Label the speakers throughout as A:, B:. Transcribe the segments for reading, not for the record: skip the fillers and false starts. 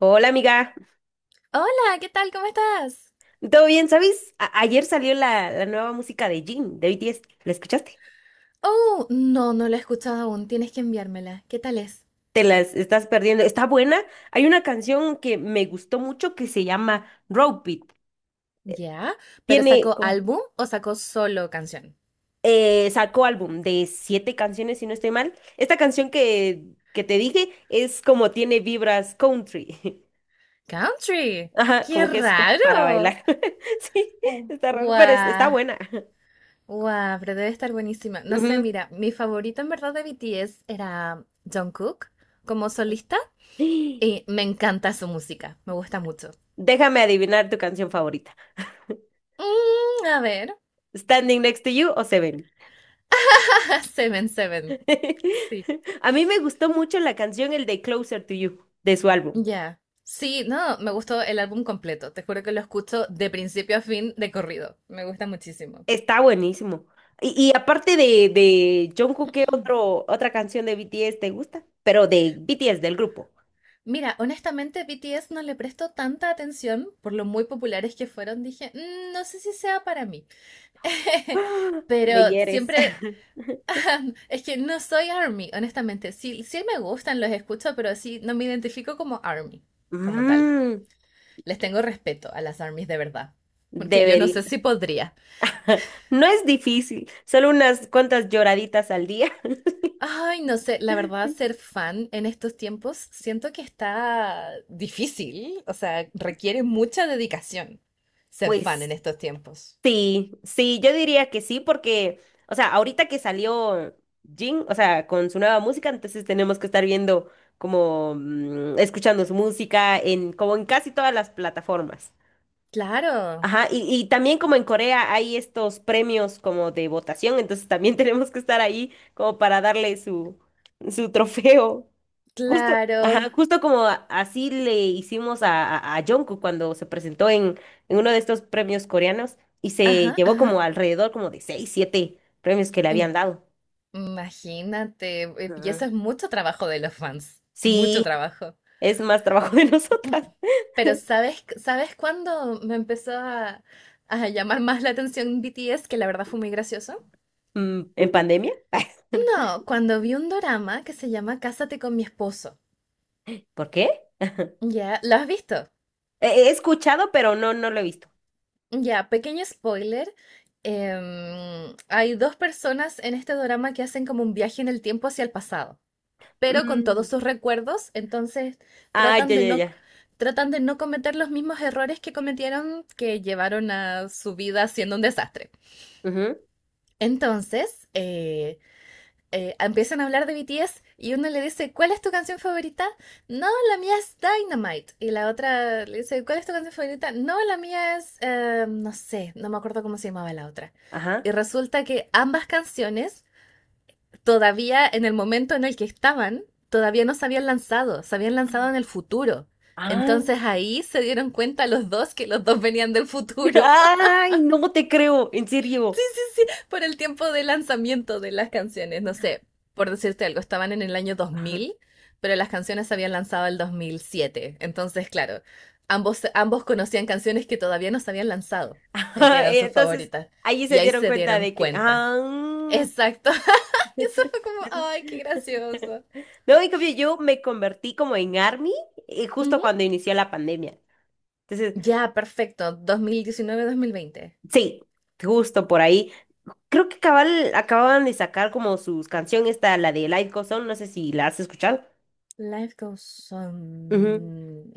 A: Hola amiga,
B: Hola, ¿qué tal? ¿Cómo estás?
A: ¿todo bien? ¿Sabes? Ayer salió la nueva música de Jin, de BTS. ¿La escuchaste?
B: Oh, no, no la he escuchado aún. Tienes que enviármela. ¿Qué tal es?
A: Te las estás perdiendo. Está buena. Hay una canción que me gustó mucho que se llama Rope It.
B: Ya, pero
A: Tiene
B: ¿sacó
A: como,
B: álbum o sacó solo canción?
A: sacó álbum de siete canciones, si no estoy mal. Esta canción que te dije es como tiene vibras country.
B: Country.
A: Ajá,
B: ¡Qué
A: como que es como para
B: raro!
A: bailar. Sí,
B: Oh.
A: está raro, pero está
B: Guau,
A: buena.
B: guau, pero debe estar buenísima. No sé,
A: Ujú.
B: mira, mi favorito en verdad de BTS era Jungkook como solista y me encanta su música, me gusta mucho.
A: Déjame adivinar tu canción favorita.
B: A ver,
A: Standing Next to You o Seven.
B: Seven Seven. Sí.
A: A mí me gustó mucho la canción El de Closer to You de su álbum.
B: Ya. Sí, no, me gustó el álbum completo. Te juro que lo escucho de principio a fin de corrido. Me gusta muchísimo.
A: Está buenísimo. Y aparte de Jungkook, ¿qué otra canción de BTS te gusta? Pero de BTS, del grupo.
B: Mira, honestamente, BTS no le presto tanta atención por lo muy populares que fueron. Dije, "Mm, no sé si sea para mí."
A: ¡Ah!
B: Pero
A: Me hieres.
B: siempre. Es que no soy ARMY, honestamente. Sí, sí me gustan, los escucho, pero sí no me identifico como ARMY, como tal.
A: Mm,
B: Les tengo respeto a las ARMYs de verdad. Porque yo no sé
A: Debería.
B: si podría.
A: No es difícil, solo unas cuantas lloraditas al día.
B: Ay, no sé, la verdad, ser fan en estos tiempos siento que está difícil, o sea, requiere mucha dedicación ser fan en
A: Pues
B: estos tiempos.
A: sí, sí, yo diría que sí, porque, o sea, ahorita que salió Jin, o sea, con su nueva música, entonces tenemos que estar viendo como, escuchando su música como en casi todas las plataformas.
B: Claro,
A: Ajá, y también como en Corea hay estos premios como de votación, entonces también tenemos que estar ahí como para darle su trofeo. Justo,
B: claro.
A: ajá, justo como así le hicimos a Jungkook cuando se presentó en uno de estos premios coreanos y se
B: Ajá,
A: llevó
B: ajá.
A: como alrededor como de seis, siete premios que le habían
B: Em-
A: dado.
B: Imagínate, y eso
A: Ah.
B: es mucho trabajo de los fans, mucho
A: Sí,
B: trabajo.
A: es más trabajo de
B: Mm,
A: nosotras.
B: Pero ¿sabes cuándo me empezó a llamar más la atención BTS, que la verdad fue muy gracioso?
A: ¿En pandemia?
B: No, cuando vi un dorama que se llama Cásate con mi esposo.
A: ¿Por qué?
B: Ya, ¿lo has visto?
A: He escuchado, pero no lo he visto.
B: Ya, pequeño spoiler. Hay dos personas en este drama que hacen como un viaje en el tiempo hacia el pasado, pero con todos
A: Mm,
B: sus recuerdos, entonces
A: ah,
B: tratan
A: ya,
B: de
A: ya,
B: no,
A: ya.
B: tratan de no cometer los mismos errores que cometieron que llevaron a su vida siendo un desastre.
A: Ujú.
B: Entonces, empiezan a hablar de BTS y uno le dice, ¿cuál es tu canción favorita? No, la mía es Dynamite. Y la otra le dice, ¿cuál es tu canción favorita? No, la mía es, no sé, no me acuerdo cómo se llamaba la otra. Y
A: Ajá.
B: resulta que ambas canciones, todavía en el momento en el que estaban, todavía no se habían lanzado, se habían lanzado en el futuro.
A: Ah.
B: Entonces ahí se dieron cuenta los dos que los dos venían del futuro.
A: Ay, no te creo, en serio.
B: Sí, por el tiempo de lanzamiento de las canciones. No sé, por decirte algo, estaban en el año 2000, pero las canciones se habían lanzado el 2007. Entonces, claro, ambos conocían canciones que todavía no se habían lanzado y que eran sus
A: Entonces,
B: favoritas.
A: allí
B: Y
A: se
B: ahí
A: dieron
B: se
A: cuenta
B: dieron
A: de que,
B: cuenta.
A: ah,
B: Exacto. Y eso fue como, ay, qué gracioso.
A: no, en cambio, yo me convertí como en ARMY justo
B: Ujú.
A: cuando inició la pandemia. Entonces,
B: Ya, perfecto. 2019-2020.
A: sí, justo por ahí. Creo que cabal acababan de sacar como sus canciones, esta, la de Light Goes On, no sé si la has escuchado.
B: Life Goes
A: Ujú.
B: On.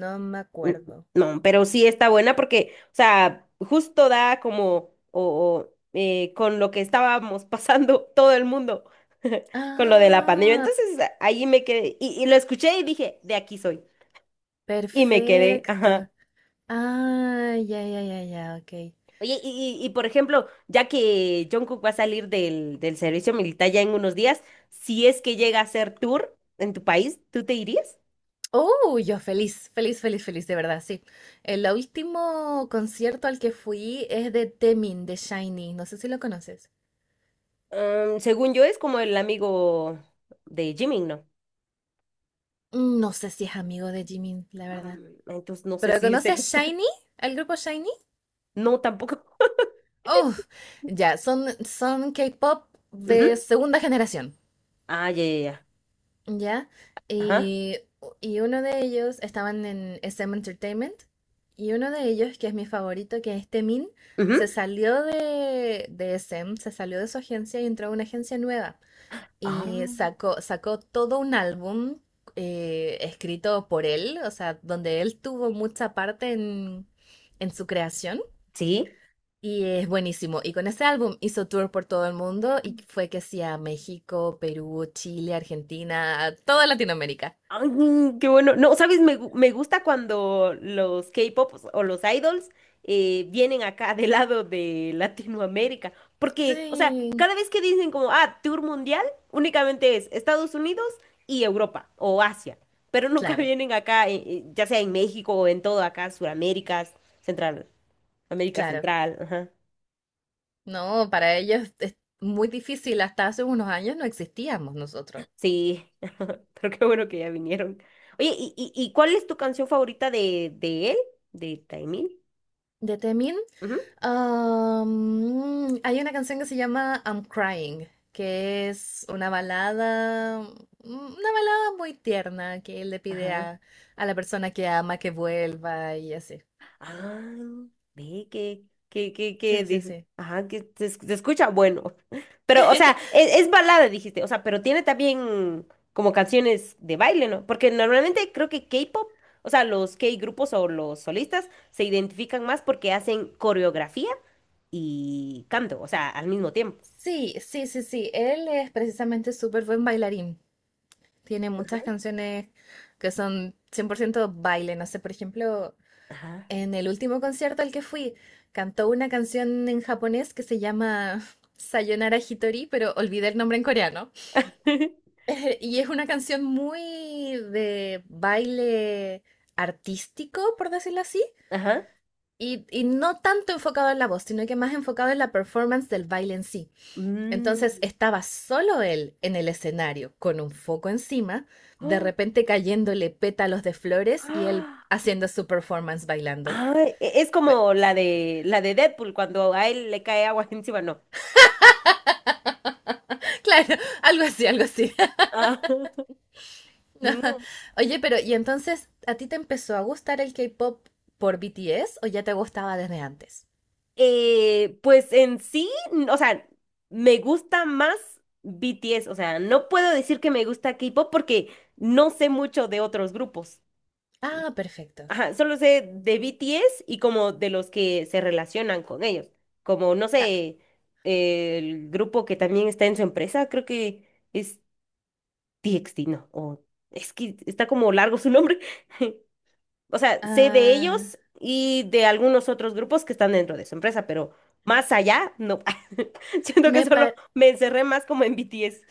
B: No me
A: Mm,
B: acuerdo.
A: no, pero sí está buena porque, o sea, justo da como, con lo que estábamos pasando todo el mundo, con lo de la pandemia.
B: Ah,
A: Entonces ahí me quedé, y lo escuché y dije, de aquí soy. Y me quedé,
B: perfecto.
A: ajá.
B: Ah, ya, ya, ya, ya, ok.
A: Oye, por ejemplo, ya que Jungkook va a salir del servicio militar ya en unos días, si es que llega a hacer tour en tu país, ¿tú te irías?
B: Oh, yo feliz, feliz, feliz, feliz, de verdad, sí. El último concierto al que fui es de Temin, de Shiny. No sé si lo conoces.
A: Según yo, es como el amigo de Jimin, ¿no?
B: No sé si es amigo de Jimin, la verdad.
A: Entonces no sé
B: ¿Pero
A: si es
B: conoces
A: él.
B: Shiny? ¿Al grupo Shiny?
A: No, tampoco.
B: Oh, ya, son K-pop de
A: Ujú.
B: segunda generación.
A: Ah, ya, ya, ya.
B: ¿Ya?
A: Ajá.
B: Y, y uno de ellos estaban en SM Entertainment y uno de ellos, que es mi favorito, que es Temin, se
A: Ujú.
B: salió de SM, se salió de su agencia y entró a una agencia nueva
A: Ah,
B: y sacó todo un álbum, escrito por él, o sea, donde él tuvo mucha parte en su creación.
A: sí.
B: Y es buenísimo. Y con ese álbum hizo tour por todo el mundo y fue que sí a México, Perú, Chile, Argentina, toda Latinoamérica.
A: Ay, qué bueno. No, ¿sabes? Me gusta cuando los K-pop o los idols vienen acá del lado de Latinoamérica. Porque, o sea,
B: Sí,
A: cada vez que dicen como, tour mundial, únicamente es Estados Unidos y Europa o Asia. Pero nunca
B: claro,
A: vienen acá, ya sea en México o en todo acá, Suraméricas, Central, América
B: claro.
A: Central. Ajá.
B: No, para ellos es muy difícil. Hasta hace unos años no existíamos nosotros.
A: Sí, pero qué bueno que ya vinieron. Oye, ¿y cuál es tu canción favorita de él? ¿De Taemin?
B: De Temin,
A: Ujú.
B: hay una canción que se llama I'm Crying, que es una balada, una balada muy tierna que él le pide
A: Ajá.
B: a la persona que ama que vuelva y así.
A: Ah, ve
B: Sí, sí, sí.
A: ajá, se escucha bueno. Pero, o sea, es balada, dijiste. O sea, pero tiene también como canciones de baile, ¿no? Porque normalmente creo que K-pop, o sea, los K-grupos o los solistas se identifican más porque hacen coreografía y canto, o sea, al mismo tiempo.
B: Sí, sí, sí, sí. Él es precisamente súper buen bailarín. Tiene muchas canciones que son 100% baile. No sé, por ejemplo,
A: Ajá.
B: en el último concierto al que fui, cantó una canción en japonés que se llama Sayonara Hitori, pero olvidé el nombre en coreano. Y es una canción muy de baile artístico, por decirlo así,
A: Ajá.
B: y no tanto enfocado en la voz, sino que más enfocado en la performance del baile en sí. Entonces
A: Mm.
B: estaba solo él en el escenario, con un foco encima, de
A: ¡Oh!
B: repente cayéndole pétalos de flores y él
A: ¡Ah!
B: haciendo su performance bailando.
A: Ay, es
B: Fue-
A: como la de Deadpool cuando a él le cae agua encima, no.
B: Claro, algo así, algo así.
A: Ah, no.
B: Oye, pero ¿y entonces a ti te empezó a gustar el K-pop por BTS o ya te gustaba desde antes?
A: Pues en sí, o sea, me gusta más BTS, o sea, no puedo decir que me gusta K-pop porque no sé mucho de otros grupos.
B: Ah, perfecto.
A: Ajá, solo sé de BTS y como de los que se relacionan con ellos, como no
B: Ah,
A: sé, el grupo que también está en su empresa, creo que es TXT, no. Es que está como largo su nombre. O sea, sé de
B: ah,
A: ellos y de algunos otros grupos que están dentro de su empresa, pero más allá, no. Siento que
B: me
A: solo
B: pa-
A: me encerré más como en BTS.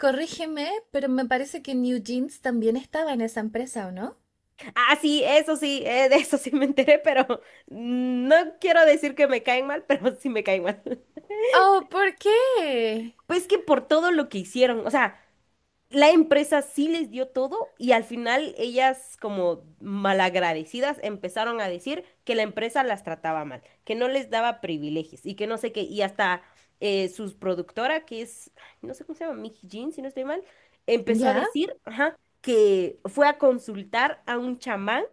B: corrígeme, pero me parece que New Jeans también estaba en esa empresa, ¿o no?
A: Ah, sí, eso sí, de eso sí me enteré, pero no quiero decir que me caen mal, pero sí me caen mal.
B: Oh, ¿por qué?
A: Pues que por todo lo que hicieron, o sea, la empresa sí les dio todo y al final ellas como malagradecidas empezaron a decir que la empresa las trataba mal, que no les daba privilegios y que no sé qué, y hasta sus productora, que es, ay, no sé cómo se llama, Mickey Jean, si no estoy mal, empezó a
B: ¿Ya?
A: decir, ajá, que fue a consultar a un chamán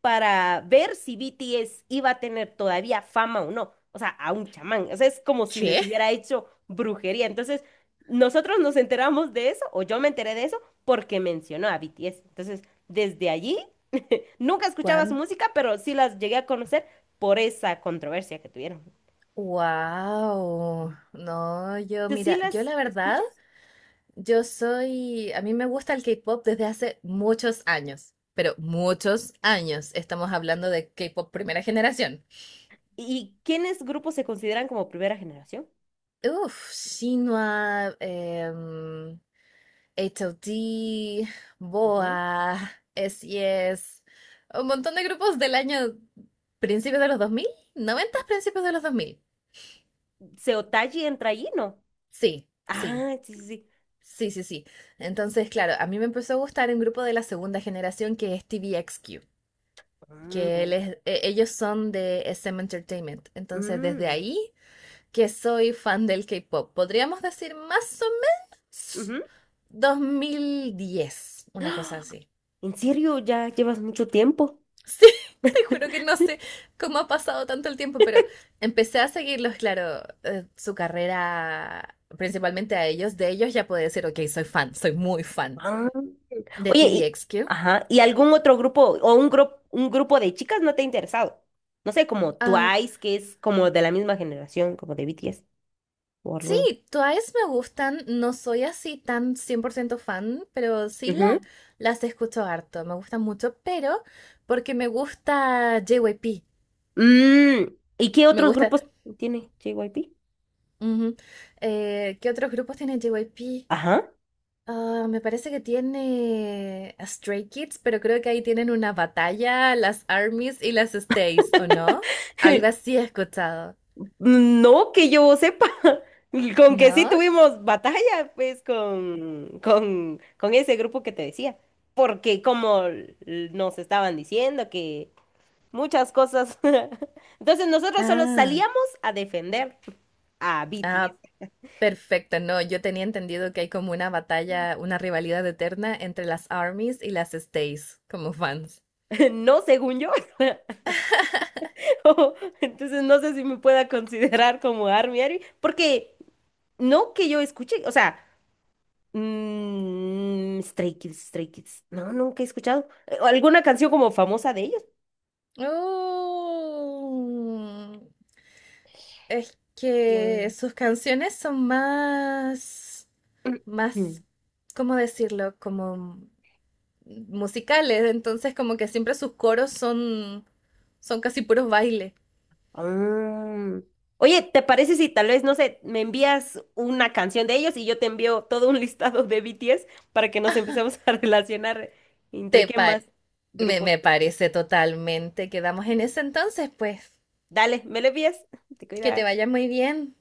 A: para ver si BTS iba a tener todavía fama o no. O sea, a un chamán. O sea, es como si les
B: ¿Qué?
A: hubiera hecho brujería. Entonces, nosotros nos enteramos de eso, o yo me enteré de eso, porque mencionó a BTS. Entonces, desde allí, nunca escuchaba su
B: ¿Cuán?
A: música, pero sí las llegué a conocer por esa controversia que tuvieron.
B: Wow. No, yo
A: ¿Tú sí
B: mira, yo
A: las
B: la verdad,
A: escuchas?
B: yo soy, a mí me gusta el K-pop desde hace muchos años, pero muchos años. Estamos hablando de K-pop primera generación.
A: ¿Y quiénes grupos se consideran como primera generación?
B: Uf, Shinhwa, HOT,
A: Ujú.
B: BoA, SES, un montón de grupos del año principios de los 2000, 90 principios de los 2000.
A: ¿Seotaji entra allí? No.
B: Sí, sí.
A: Ah, sí, sí, sí.
B: Sí, sí, sí. Entonces, claro, a mí me empezó a gustar un grupo de la segunda generación que es TVXQ,
A: Mm,
B: que
A: no.
B: ellos son de SM Entertainment. Entonces, desde
A: Mm,
B: ahí que soy fan del K-pop. Podríamos decir más o menos
A: ujú.
B: 2010, una cosa así.
A: ¿En serio? ¿Ya llevas mucho tiempo?
B: Sí, te juro que no sé cómo ha pasado tanto el tiempo, pero empecé a seguirlos, claro, su carrera principalmente a ellos. De ellos ya puedo decir, ok, soy fan, soy muy fan
A: Ah.
B: de
A: Oye, sí.
B: TVXQ.
A: Ajá, ¿y algún otro grupo o un grupo de chicas no te ha interesado? No sé, como Twice, que es como de la misma generación, como de BTS o algo.
B: Sí, Twice me gustan, no soy así tan 100% fan, pero sí
A: Ujú.
B: las escucho harto, me gustan mucho, pero porque me gusta JYP,
A: Mm, ¿Y qué
B: me
A: otros
B: gusta.
A: grupos tiene JYP?
B: Ujú. ¿Qué otros grupos tiene JYP?
A: Ajá.
B: Ah, me parece que tiene a Stray Kids, pero creo que ahí tienen una batalla, las ARMYs y las Stays, ¿o no? Algo así he escuchado,
A: No que yo sepa. Con que sí
B: ¿no?
A: tuvimos batalla, pues, con ese grupo que te decía. Porque como nos estaban diciendo que muchas cosas. Entonces nosotros solo
B: Ah,
A: salíamos a defender a
B: ah.
A: BTS.
B: Perfecto, no, yo tenía entendido que hay como una batalla, una rivalidad eterna entre las armies y las stays como fans.
A: No según yo. Oh, entonces no sé si me pueda considerar como ARMY ARMY, porque no que yo escuche, o sea, Stray Kids, Stray Kids. No, nunca he escuchado. ¿Alguna canción como famosa de ellos?
B: Oh, es que
A: Que-
B: sus canciones son más, más, ¿cómo decirlo? Como musicales, entonces como que siempre sus coros son, casi puros bailes.
A: Mm. Oye, ¿te parece si tal vez, no sé, me envías una canción de ellos y yo te envío todo un listado de BTS para que nos empecemos a relacionar entre
B: Te
A: qué
B: pa-
A: más
B: me,
A: grupos?
B: me parece totalmente. Quedamos en ese entonces, pues,
A: Dale, me lo envías, te
B: que te
A: cuidas.
B: vaya muy bien.